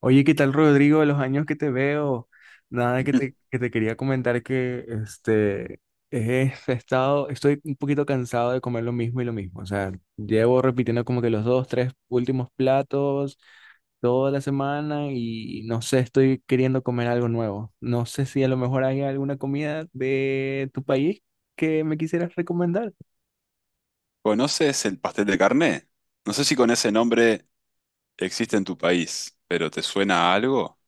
Oye, ¿qué tal, Rodrigo? De los años que te veo, nada que te quería comentar he estoy un poquito cansado de comer lo mismo y lo mismo. O sea, llevo repitiendo como que los dos, tres últimos platos toda la semana y no sé, estoy queriendo comer algo nuevo. No sé si a lo mejor hay alguna comida de tu país que me quisieras recomendar. ¿Conoces el pastel de carne? No sé si con ese nombre existe en tu país, pero ¿te suena a algo?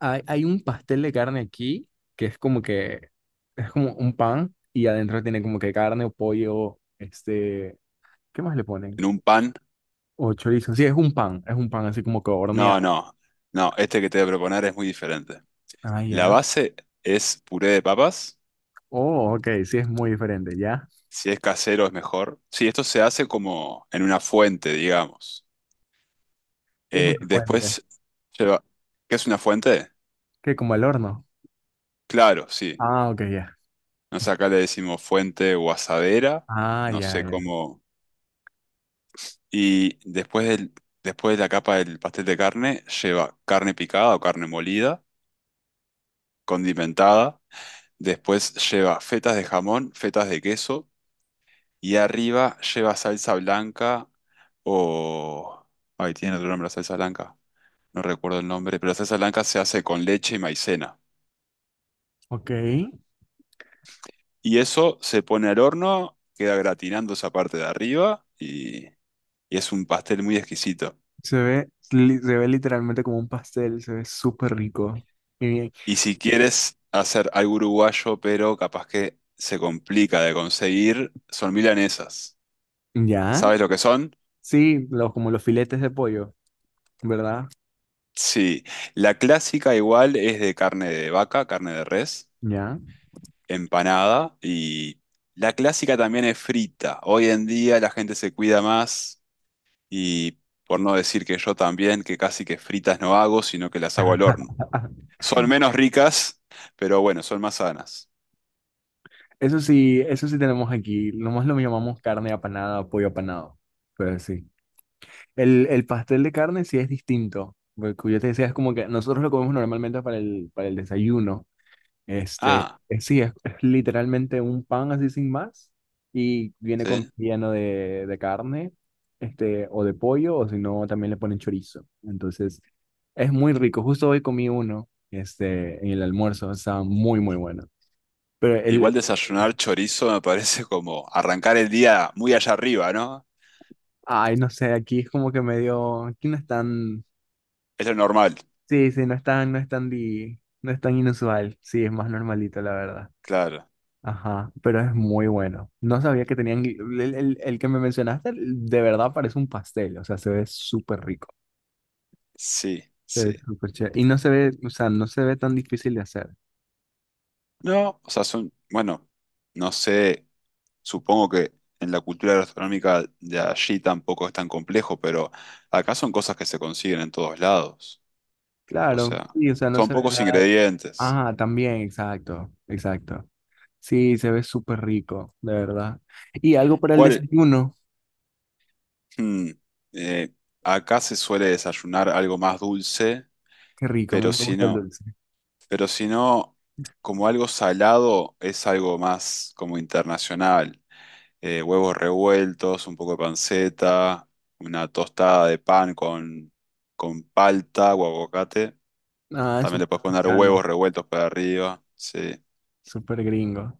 Hay un pastel de carne aquí que es como un pan y adentro tiene como que carne o pollo, ¿qué más le ponen? ¿En un pan? O chorizo. Sí, es un pan así como que No, horneado. no, no, este que te voy a proponer es muy diferente. Ah, La ya. base es puré de papas, Oh, ok, sí es muy diferente, ¿ya? si es casero es mejor. Sí, esto se hace como en una fuente, digamos. ¿Qué es un Eh, fuente? después lleva... ¿Qué es una fuente? ¿Qué como el horno? Claro, sí. Ah, ok, ya. Nos acá le decimos fuente o asadera, Ah, no ya, sé ya. cómo... Y después del, Después de la capa del pastel de carne, lleva carne picada o carne molida, condimentada. Después lleva fetas de jamón, fetas de queso. Y arriba lleva salsa blanca o... Ay, tiene otro nombre la salsa blanca. No recuerdo el nombre, pero la salsa blanca se hace con leche y maicena. Ok. Y eso se pone al horno, queda gratinando esa parte de arriba y es un pastel muy exquisito. Se ve, se ve literalmente como un pastel, se ve súper rico. Y- Y si quieres hacer algo uruguayo, pero capaz que se complica de conseguir, son milanesas. ¿Ya? ¿Sabes lo que son? Sí, los, como los filetes de pollo, ¿verdad? Sí. La clásica igual es de carne de vaca, carne de res, ¿Ya? empanada y la clásica también es frita. Hoy en día la gente se cuida más y por no decir que yo también, que casi que fritas no hago, sino que las hago al horno. Son menos ricas, pero bueno, son más sanas. Eso sí tenemos aquí. Nomás lo llamamos carne apanada, pollo apanado. Pero sí. El pastel de carne sí es distinto. Porque como yo te decía, es como que nosotros lo comemos normalmente para para el desayuno. Ah, Sí, es literalmente un pan así sin más. Y viene con sí. relleno de carne, este, o de pollo, o si no, también le ponen chorizo. Entonces, es muy rico. Justo hoy comí uno, en el almuerzo. Estaba muy, muy bueno. Pero el, Igual desayunar chorizo me parece como arrancar el día muy allá arriba, ¿no? ay, no sé, aquí es como que medio, aquí no es tan, Es lo normal, sí, sí, no es tan, no es tan inusual, sí, es más normalito, la verdad. claro. Ajá, pero es muy bueno. No sabía que tenían, el que me mencionaste, de verdad parece un pastel, o sea, se ve súper rico, Sí, se sí. ve súper chévere. Y no se ve, o sea, no se ve tan difícil de hacer. No, o sea, son, bueno, no sé, supongo que en la cultura gastronómica de allí tampoco es tan complejo, pero acá son cosas que se consiguen en todos lados. O Claro, sea, sí, o sea, no son se ve pocos nada. ingredientes. Ah, también, exacto, exacto. Sí, se ve súper rico, de verdad. Y algo para el ¿Cuál? desayuno, Hmm, eh, Acá se suele desayunar algo más dulce, qué rico, a mí pero me si gusta el no. dulce. Pero si no, como algo salado, es algo más como internacional. Huevos revueltos, un poco de panceta, una tostada de pan con palta o aguacate. Ah, es También le súper puedes poner mexicano, huevos revueltos para arriba. Sí. súper gringo.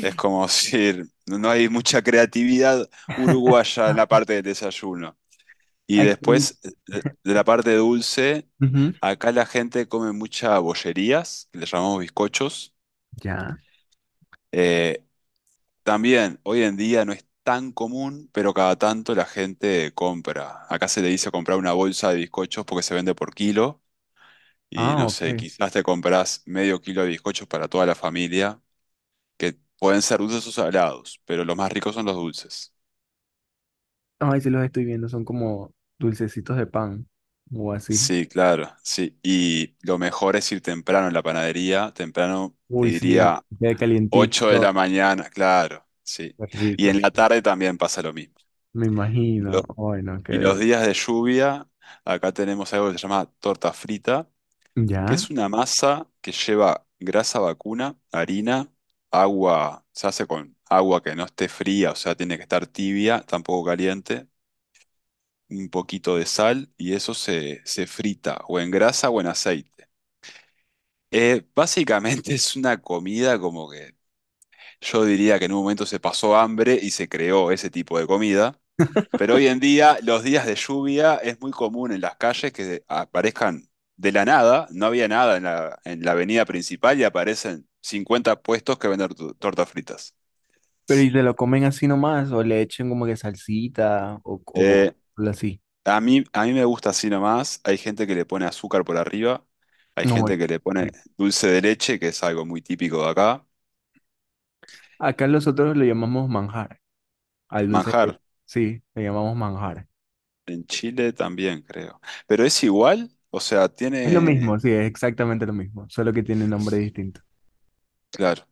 Es como decir, no hay mucha creatividad uruguaya en la Ah, parte del desayuno. Y aquí. después, de la parte dulce, Ujú, acá la gente come mucha bollerías, que le llamamos bizcochos. ya. Eh, También, hoy en día no es tan común, pero cada tanto la gente compra. Acá se le dice comprar una bolsa de bizcochos porque se vende por kilo y Ah, no ok. sé, quizás te compras medio kilo de bizcochos para toda la familia, que pueden ser dulces o salados, pero los más ricos son los dulces. Ay, sí los estoy viendo, son como dulcecitos de pan o así. Sí, claro, sí. Y lo mejor es ir temprano en la panadería, temprano te Uy, sí, diría queda 8 de calientito, la mañana, claro, sí. qué Y rico. en la tarde también pasa lo mismo. Me imagino. Ay, no, Y que. los días de lluvia, acá tenemos algo que se llama torta frita, que Ya. es una masa que lleva grasa vacuna, harina, agua, se hace con agua que no esté fría, o sea, tiene que estar tibia, tampoco caliente, un poquito de sal y eso se frita o en grasa o en aceite. Básicamente es una comida como que yo diría que en un momento se pasó hambre y se creó ese tipo de comida. Pero hoy en día, los días de lluvia es muy común en las calles que aparezcan de la nada, no había nada en la avenida principal y aparecen 50 puestos que venden tortas fritas. Pero ¿y te lo comen así nomás o le echen como que salsita Eh, o así? A mí me gusta así nomás. Hay gente que le pone azúcar por arriba, hay No, ay, gente que qué le pone rico. dulce de leche, que es algo muy típico de acá. Acá nosotros lo llamamos manjar. Al leche, Manjar, sí, le llamamos manjar. en Chile también, creo. Pero es igual, o sea, Es lo mismo, tiene, sí, es exactamente lo mismo, solo que tiene nombre distinto. claro,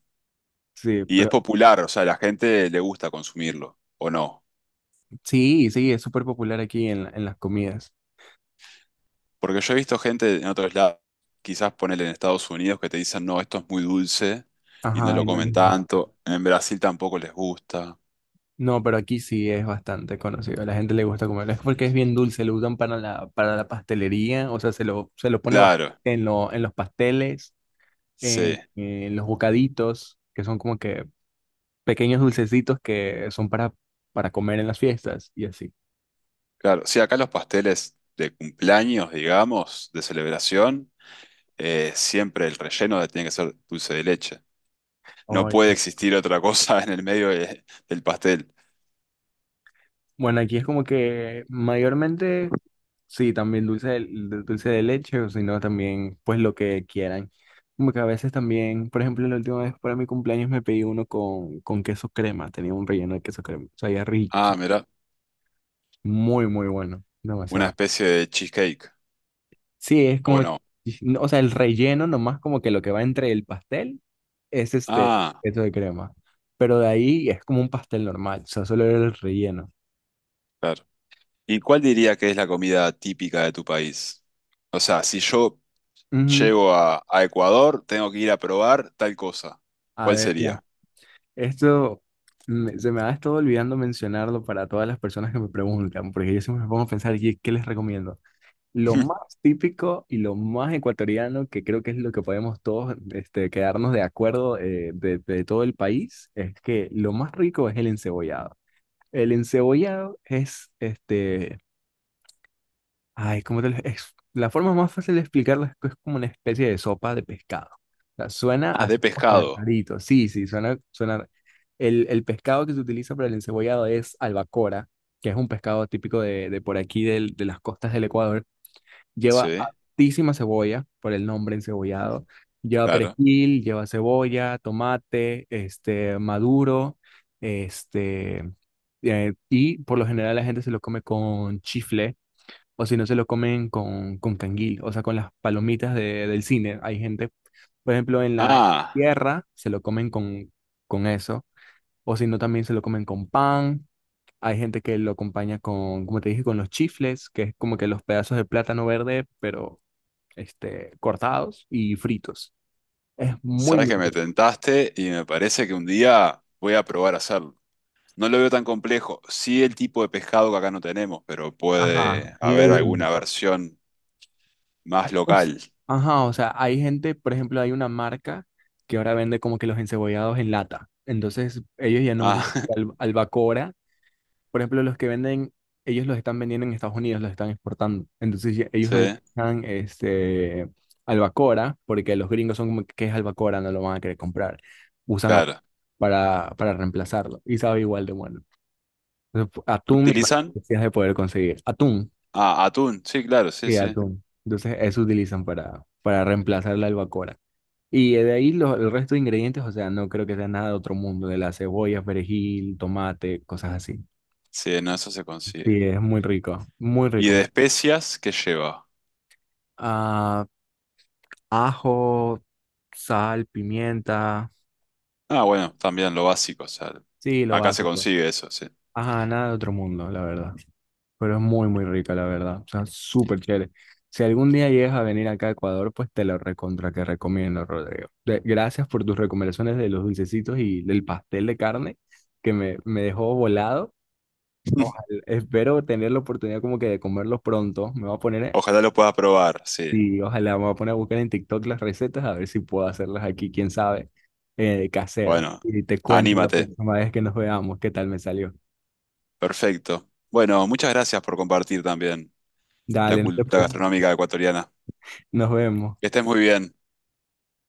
Sí, y es pero popular, o sea, a la gente le gusta consumirlo, ¿o no? sí, sí, es súper popular aquí en las comidas. Porque yo he visto gente en otros lados, quizás ponele en Estados Unidos, que te dicen, no, esto es muy dulce y no Ajá, lo y no comen les gusta. tanto. En Brasil tampoco les gusta. No, pero aquí sí es bastante conocido. A la gente le gusta comerlo. Es porque es bien dulce, lo usan para para la pastelería, o sea, se lo pone Claro, en los pasteles, sí, en los bocaditos, que son como que pequeños dulcecitos que son para comer en las fiestas y así. claro. Sí, acá los pasteles de cumpleaños, digamos, de celebración, siempre el relleno tiene que ser dulce de leche. No puede existir otra cosa en el medio del pastel. Bueno, aquí es como que mayormente, sí, también dulce dulce de leche, o si no, también pues lo que quieran. Como que a veces también, por ejemplo, la última vez para mi cumpleaños me pedí uno con queso crema, tenía un relleno de queso crema, sabía rico, Ah, mira, muy, muy bueno, una demasiado. especie de cheesecake, Sí, es ¿o como, no? no, o sea, el relleno nomás como que lo que va entre el pastel es Ah, queso de crema, pero de ahí es como un pastel normal, o sea, solo era el relleno. claro. ¿Y cuál diría que es la comida típica de tu país? O sea, si yo Ujú. llego a Ecuador, tengo que ir a probar tal cosa. A ¿Cuál ver, ya. sería? Esto se me ha estado olvidando mencionarlo para todas las personas que me preguntan, porque yo siempre me pongo a pensar, "¿Y qué les recomiendo?". Lo más típico y lo más ecuatoriano, que creo que es lo que podemos todos quedarnos de acuerdo de todo el país, es que lo más rico es el encebollado. El encebollado es ay, como te lo la forma más fácil de explicarla es que es como una especie de sopa de pescado. O sea, suena Ah, de así como que pescado. rarito. Sí, sí, suena, suena. El pescado que se utiliza para el encebollado es albacora, que es un pescado típico de por aquí, de las costas del Ecuador. Sí, Lleva altísima cebolla, por el nombre encebollado. Lleva claro. perejil, lleva cebolla, tomate, este, maduro, este, y por lo general la gente se lo come con chifle o si no se lo comen con canguil, o sea, con las palomitas del cine. Hay gente, por ejemplo, en la Ah, tierra se lo comen con eso, o si no también se lo comen con pan. Hay gente que lo acompaña con, como te dije, con los chifles, que es como que los pedazos de plátano verde, pero cortados y fritos. Es muy, sabes muy que me rico. tentaste y me parece que un día voy a probar a hacerlo. No lo veo tan complejo. Sí, el tipo de pescado que acá no tenemos, pero Ajá, puede es lo haber alguna único. versión más O s- local. Ajá, o sea, hay gente, por ejemplo, hay una marca que ahora vende como que los encebollados en lata. Entonces, ellos ya no Ah, usan albacora. Por ejemplo, los que venden, ellos los están vendiendo en Estados Unidos, los están exportando. Entonces, ellos no sí, usan albacora porque los gringos son como que "¿Qué es albacora?", no lo van a querer comprar. Usan atún claro. Para reemplazarlo y sabe igual de bueno. Entonces, ¿Qué atún, me imagino utilizan? que sí has de poder conseguir. Atún, Ah, atún. Sí, claro, sí, sí, sí. atún. Entonces, eso utilizan para reemplazar la albacora. Y de ahí el resto de ingredientes, o sea, no creo que sea nada de otro mundo, de la cebolla, perejil, tomate, cosas así. Sí, no, eso se consigue. Sí, es muy rico, muy ¿Y de rico. especias qué lleva? Ah, ajo, sal, pimienta, Ah, bueno, también lo básico, o sea, sí, lo acá se básico. consigue eso, sí. Ajá, nada de otro mundo, la verdad. Pero es muy, muy rica, la verdad. O sea, súper chévere. Si algún día llegas a venir acá a Ecuador, pues te lo recontra que recomiendo, Rodrigo. De- gracias por tus recomendaciones de los dulcecitos y del pastel de carne, que me dejó volado. Ojalá, espero tener la oportunidad como que de comerlos pronto. Me voy a poner, Ojalá lo puedas probar, sí. sí, ojalá me voy a poner a buscar en TikTok las recetas a ver si puedo hacerlas aquí, quién sabe, casero. Bueno, Y te cuento la anímate. próxima vez que nos veamos qué tal me salió. Perfecto. Bueno, muchas gracias por compartir también la Dale, no te cultura preocupes. gastronómica ecuatoriana. Nos vemos. Que estés muy bien.